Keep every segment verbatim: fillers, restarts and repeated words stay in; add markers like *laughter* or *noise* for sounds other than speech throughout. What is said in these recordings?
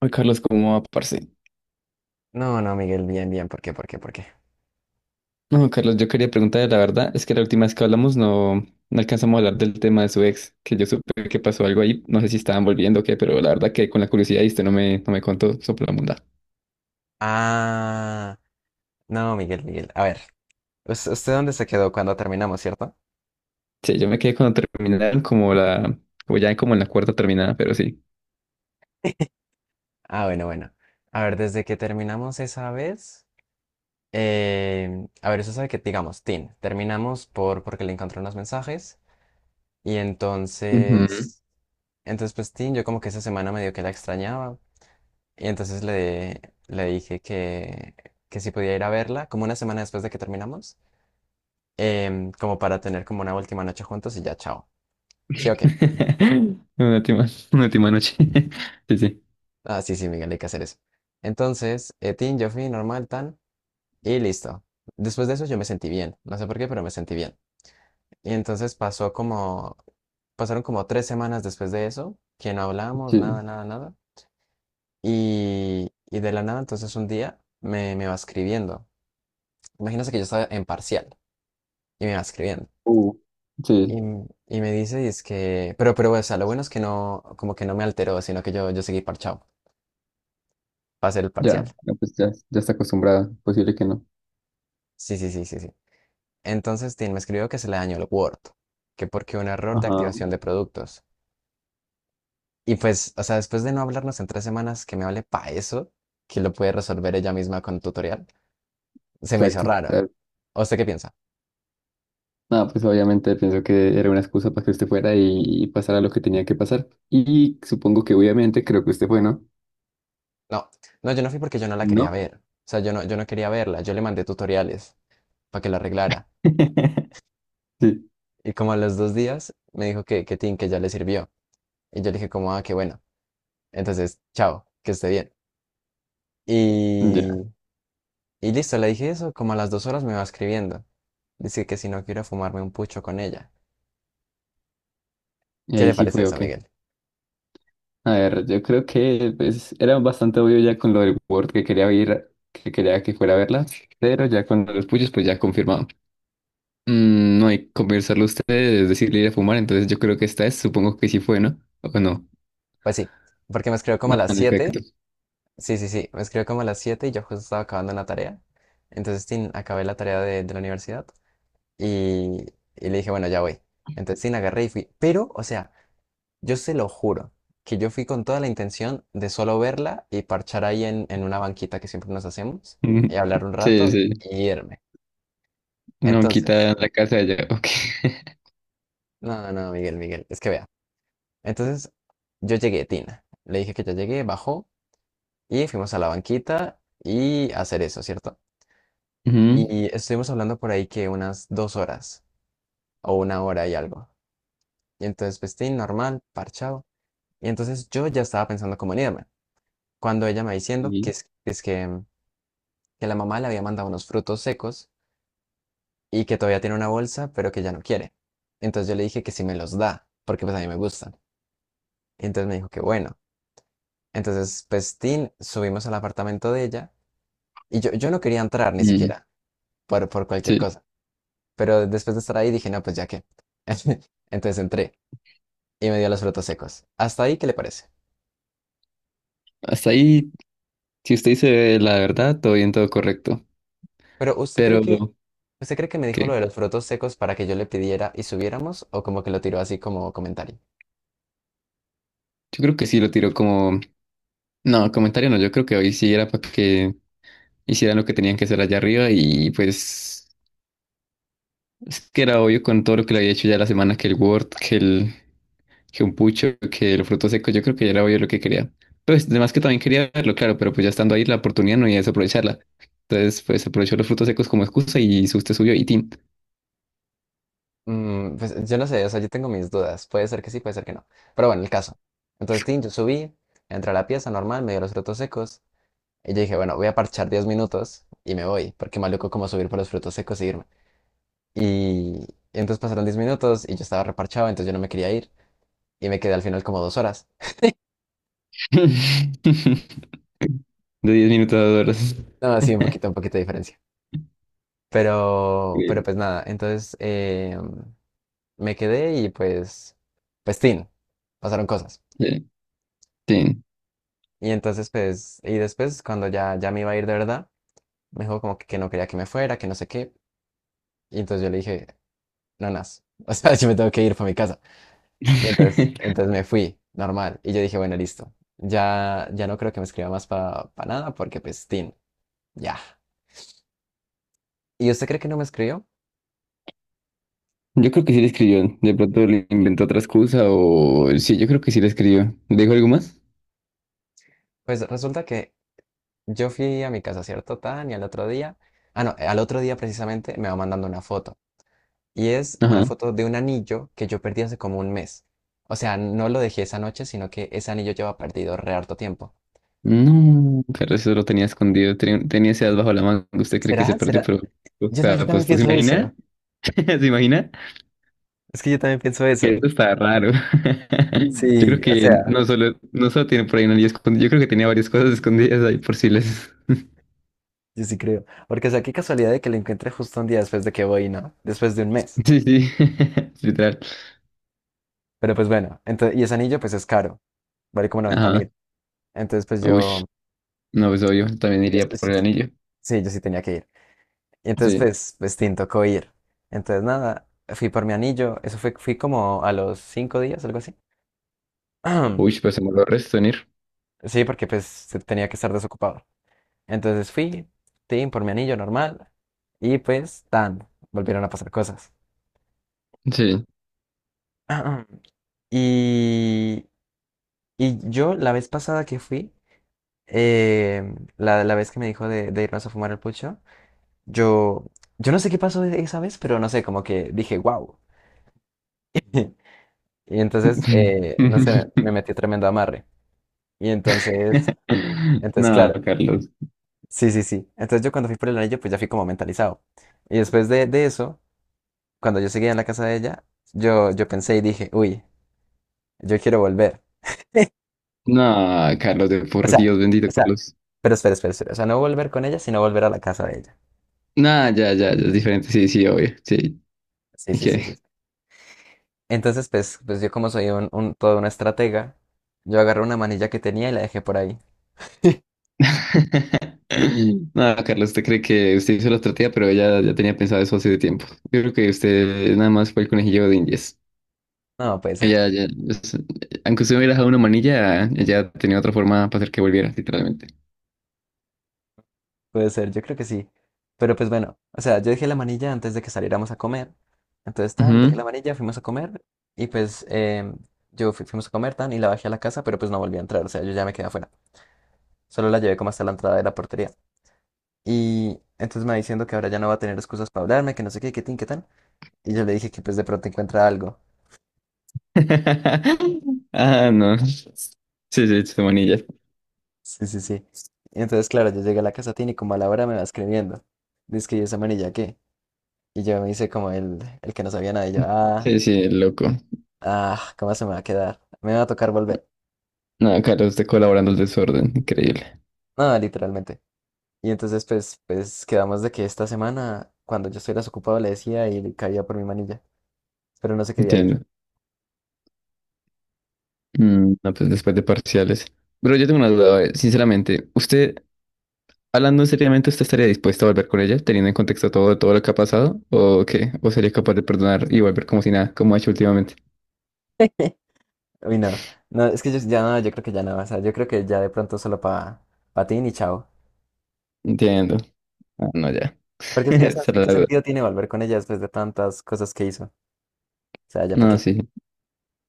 Ay, Carlos, ¿cómo va, parce? No, no, Miguel, bien, bien. ¿Por qué? ¿Por qué? ¿Por qué? No, Carlos, yo quería preguntar, la verdad, es que la última vez que hablamos no, no alcanzamos a hablar del tema de su ex, que yo supe que pasó algo ahí, no sé si estaban volviendo o qué, pero la verdad que con la curiosidad y usted no me, no me contó sobre la mundad. Ah, no, Miguel, Miguel. A ver, ¿us- ¿usted dónde se quedó cuando terminamos, ¿cierto? Sí, yo me quedé cuando terminaron como la, como ya como en la cuarta terminada, pero sí. *laughs* Ah, bueno, bueno. A ver, desde que terminamos esa vez, eh, a ver, usted sabe que, digamos, Tin, terminamos por porque le encontré unos mensajes y Ujú. entonces, entonces pues Tin, yo como que esa semana medio que la extrañaba y entonces le, le dije que, que si podía ir a verla, como una semana después de que terminamos, em, como para tener como una última noche juntos y ya, chao. Sí, ok. *laughs* Una última, una última noche. *laughs* Sí, sí. Ah, sí, sí, Miguel, hay que hacer eso. Entonces, eh, tin, yo fui normal, tan, y listo. Después de eso yo me sentí bien. No sé por qué, pero me sentí bien. Y entonces pasó como, pasaron como tres semanas después de eso, que no hablábamos, nada, Sí, nada, nada. Y, y de la nada, entonces un día me, me va escribiendo. Imagínate que yo estaba en parcial y me va escribiendo. uh, Y, sí, m- y me dice, y es que, pero, pero, o sea, lo bueno es que no, como que no me alteró, sino que yo, yo seguí parchado para hacer el parcial. ya, no, pues ya, ya está acostumbrada, posible que no. Sí, sí, sí, sí, sí. Entonces, Tim me escribió que se le dañó el Word, que porque un error de Ajá, activación de productos. Y pues, o sea, después de no hablarnos en tres semanas, que me hable pa eso, que lo puede resolver ella misma con un tutorial, se me hizo exacto. raro. ¿O usted qué piensa? No, pues obviamente pienso que era una excusa para que usted fuera y, y pasara lo que tenía que pasar. Y supongo que obviamente creo que usted fue, ¿no? No, no, yo no fui porque yo no la quería ¿No? ver. O sea, yo no, yo no quería verla, yo le mandé tutoriales para que la arreglara. *laughs* Sí, Y como a los dos días me dijo que, que, Tim, que ya le sirvió. Y yo le dije como, ah, qué bueno. Entonces, chao, que esté bien. ya. Y Y listo, le dije eso, como a las dos horas me va escribiendo. Dice que si no quiero fumarme un pucho con ella. Y ¿Qué ahí le sí parece fue, eso, ok. Miguel? A ver, yo creo que pues, era bastante obvio ya con lo del Word que quería ir, que quería que fuera a verla, pero ya con los puyos, pues ya confirmado. Mm, no hay que conversarlo a ustedes, decirle ir a fumar, entonces yo creo que esta es, supongo que sí fue, ¿no? ¿O no? Pues sí, porque me escribió como a No, las en siete efecto. Sí, sí, sí, me escribió como a las siete y yo justo estaba acabando la tarea. Entonces, tin, acabé la tarea de, de la universidad. Y, y le dije, bueno, ya voy. Entonces sí, la agarré y fui. Pero, o sea, yo se lo juro que yo fui con toda la intención de solo verla y parchar ahí en, en una banquita que siempre nos hacemos y hablar *laughs* un Sí, rato sí. y irme. Una banquita Entonces, en la casa de allá, ok. no, no, Miguel, Miguel, es que vea. Entonces, yo llegué, Tina. Le dije que ya llegué, bajó y fuimos a la banquita y a hacer eso, ¿cierto? Ujú, Y estuvimos hablando por ahí que unas dos horas o una hora y algo. Y entonces, pues, tin, normal, parchado. Y entonces yo ya estaba pensando cómo en irme, cuando ella me va diciendo que sí. es, es que, mm, que la mamá le había mandado unos frutos secos y que todavía tiene una bolsa, pero que ya no quiere. Entonces yo le dije que si me los da, porque pues a mí me gustan. Y entonces me dijo que bueno. Entonces, pues, tin, subimos al apartamento de ella y yo, yo no quería entrar ni Mm, siquiera por, por cualquier sí. cosa. Pero después de estar ahí dije, no, pues ya qué. *laughs* Entonces entré y me dio los frutos secos. ¿Hasta ahí qué le parece? Hasta ahí, si usted dice la verdad, todo bien, todo correcto. Pero ¿usted cree Pero, que ¿Usted cree que me dijo lo de ¿qué? los frutos secos para que yo le pidiera y subiéramos? ¿O como que lo tiró así como comentario? Yo creo que sí lo tiró como... No, comentario no, yo creo que hoy sí era para que hicieran lo que tenían que hacer allá arriba y pues es que era obvio con todo lo que le había hecho ya la semana, que el Word, que el, que un pucho, que el fruto seco, yo creo que ya era obvio lo que quería. Pues además que también quería verlo, claro, pero pues ya estando ahí la oportunidad no iba a desaprovecharla. Entonces, pues aprovechó los frutos secos como excusa y usted subió y team. Mm, pues yo no sé, o sea, yo tengo mis dudas. Puede ser que sí, puede ser que no. Pero bueno, el caso. Entonces, Tim, yo subí, entré a la pieza normal, me dio los frutos secos. Y yo dije, bueno, voy a parchar diez minutos y me voy, porque maluco como subir por los frutos secos y irme. Y entonces pasaron diez minutos y yo estaba reparchado, entonces yo no me quería ir. Y me quedé al final como dos horas. *laughs* De diez minutos a dos horas. No, sí, un *laughs* poquito, un poquito de diferencia. Pero, pero pues nada, entonces... Eh, me quedé y pues, pues, tin, pasaron cosas. Sí, sí. Y entonces, pues, y después, cuando ya, ya me iba a ir de verdad, me dijo como que, que no quería que me fuera, que no sé qué. Y entonces yo le dije, no, nas, *laughs* o sea, yo me tengo que ir para mi casa. Y entonces, *laughs* entonces me fui, normal. Y yo dije, bueno, listo. Ya, ya no creo que me escriba más para nada porque, pues, tin, ya. ¿Y usted cree que no me escribió? Yo creo que sí le escribió. De pronto le inventó otra excusa o... Sí, yo creo que sí le escribió. ¿Dijo algo más? Pues resulta que yo fui a mi casa, ¿cierto, Tan? Y al otro día, ah, no, al otro día precisamente me va mandando una foto. Y es una Ajá. foto de un anillo que yo perdí hace como un mes. O sea, no lo dejé esa noche, sino que ese anillo lleva perdido re harto tiempo. No, claro, eso lo tenía escondido. Tenía, tenía ese as bajo la manga. Usted cree que se ¿Será? perdió, ¿Será? pero... O Yo, ta- yo sea, pues, también ¿se pienso eso. imagina? *laughs* ¿Se imagina? Es que yo también pienso Que eso. eso está raro. *laughs* Yo creo Sí, o que sea, no solo, no solo tiene por ahí una lía escondida. Yo creo que tenía varias cosas escondidas ahí por si les... *laughs* yo sí creo. Porque, o sea, qué casualidad de que lo encuentre justo un día después de que voy, ¿no? Después de un mes. Sí, sí, *laughs* literal. Pero pues bueno, entonces, y ese anillo pues es caro. Vale como noventa Ajá, mil. Entonces pues uy, yo, no, pues obvio, también yo, iría por el anillo. sí, yo sí tenía que ir. Y entonces, Sí, pues, pues, tin, tocó ir. Entonces, nada, fui por mi anillo. Eso fue, fui como a los cinco días, algo así. uy, *clears throat* pues se me lo resto en ir. Sí, porque pues se- tenía que estar desocupado. Entonces fui, tin, por mi anillo normal. Y pues, tan, volvieron a pasar cosas. Sí. *clears throat* Y, y yo, la vez pasada que fui, eh, la, la vez que me dijo de, de irnos a fumar el pucho, yo, yo no sé qué pasó esa vez, pero no sé, como que dije, wow. *laughs* Y entonces, *laughs* eh, no sé, me metí tremendo amarre. Y entonces, entonces, No, claro, Carlos. sí, sí, sí. Entonces yo cuando fui por el anillo, pues ya fui como mentalizado. Y después de, de eso, cuando yo seguía en la casa de ella, yo, yo pensé y dije, uy, yo quiero volver. No, Carlos, de O por sea, Dios, bendito o sea, Carlos. pero espera, espera, espera. O sea, no volver con ella, sino volver a la casa de ella. No, ya, ya, ya, es diferente, sí, sí, obvio, sí. Sí, ¿Y sí, qué? sí, sí. Entonces, pues, pues yo como soy un, un, toda una estratega, yo agarré una manilla que tenía y la dejé por ahí. *laughs* *laughs* No, Carlos, usted cree que usted hizo la estrategia, pero ella ya tenía pensado eso hace tiempo. Yo creo que usted nada más fue el conejillo de Indias. No, puede ser. Ella, ya, es- aunque usted hubiera dejado una manilla, ella tenía otra forma para hacer que volviera, literalmente. Puede ser, yo creo que sí. Pero pues bueno, o sea, yo dejé la manilla antes de que saliéramos a comer. Entonces, tan, dejé la Ujú. manilla, fuimos a comer y pues em, yo fui- fuimos a comer, tan, y la bajé a la casa, pero pues no volví a entrar, o sea, yo ya me quedé afuera. Solo la llevé como hasta la entrada de la portería. Y entonces me va diciendo que ahora ya no va a tener excusas para hablarme, que no sé qué, qué tin, qué tan. Y yo le dije que pues de pronto encuentra algo. *laughs* Ah, no. Sí, sí, Chumonilla. Sí, sí, sí. Y entonces, claro, yo llegué a la casa, tin, y como a la hora me va escribiendo. Dice que "¿Y esa manilla qué?" Y yo me hice como el, el que no sabía nada. Y yo, ah. Sí, sí, loco. Ah, ¿cómo se me va a quedar? Me va a tocar volver. No, claro, usted colaborando el desorden. Increíble. No, literalmente. Y entonces, pues, pues, quedamos de que esta semana, cuando yo estuviera desocupado, le decía y le caía por mi manilla, pero no se quería ir. Entiendo. Mm, no, pues después de parciales. Pero yo tengo una duda, eh, sinceramente. ¿Usted, hablando seriamente, usted estaría dispuesto a volver con ella, teniendo en contexto todo, todo lo que ha pasado? ¿O qué? ¿O sería capaz de perdonar y volver como si nada, como ha hecho últimamente? *laughs* Uy, no. No, es que yo ya no, yo creo que ya no. O sea, yo creo que ya de pronto solo para pa ti y chao. Entiendo. Ah, no, ya. Porque *laughs* es que, o sea, es Esa que era ¿qué la duda. sentido tiene volver con ella después de tantas cosas que hizo? O sea, ¿ya para No, qué? sí,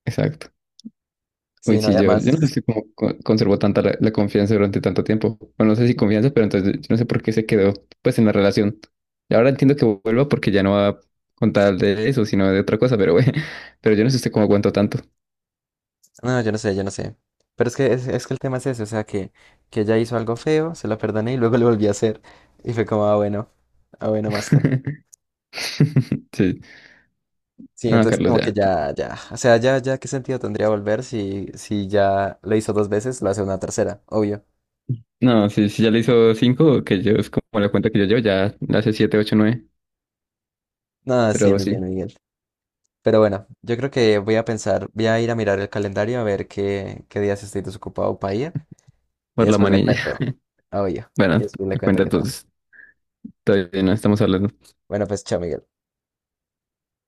exacto. Uy, Sí, no, sí, yo, yo no además. sé cómo co- conservó tanta la, la confianza durante tanto tiempo. Bueno, no sé si confianza, pero entonces yo no sé por qué se quedó pues en la relación. Y ahora entiendo que vuelva porque ya no va a contar de eso, sino de otra cosa, pero bueno, *laughs* pero yo no sé usted cómo aguantó tanto. No, yo no sé, yo no sé. Pero es que es, es que el tema es ese, o sea que, que, ella hizo algo feo, se lo perdoné y luego *laughs* lo volví a hacer. Y fue como, ah, bueno, ah, bueno, master. *laughs* Sí, Sí, no, entonces Carlos, como que ya. ya, ya. O sea, ya, ya, ¿qué sentido tendría volver si, si, ya lo hizo dos veces, lo hace una tercera, obvio. No, sí, sí, ya le hizo cinco, que yo es como la cuenta que yo llevo, ya le hace siete, ocho, nueve, No, sí, pero Miguel, sí, Miguel. Pero bueno, yo creo que voy a pensar, voy a ir a mirar el calendario a ver qué, qué, días estoy desocupado para ir. Y por la después le manilla. cuento. *laughs* Obvio. Bueno, Y después le la cuento cuenta qué tal. entonces, todavía no estamos hablando. Bueno, pues chao, Miguel.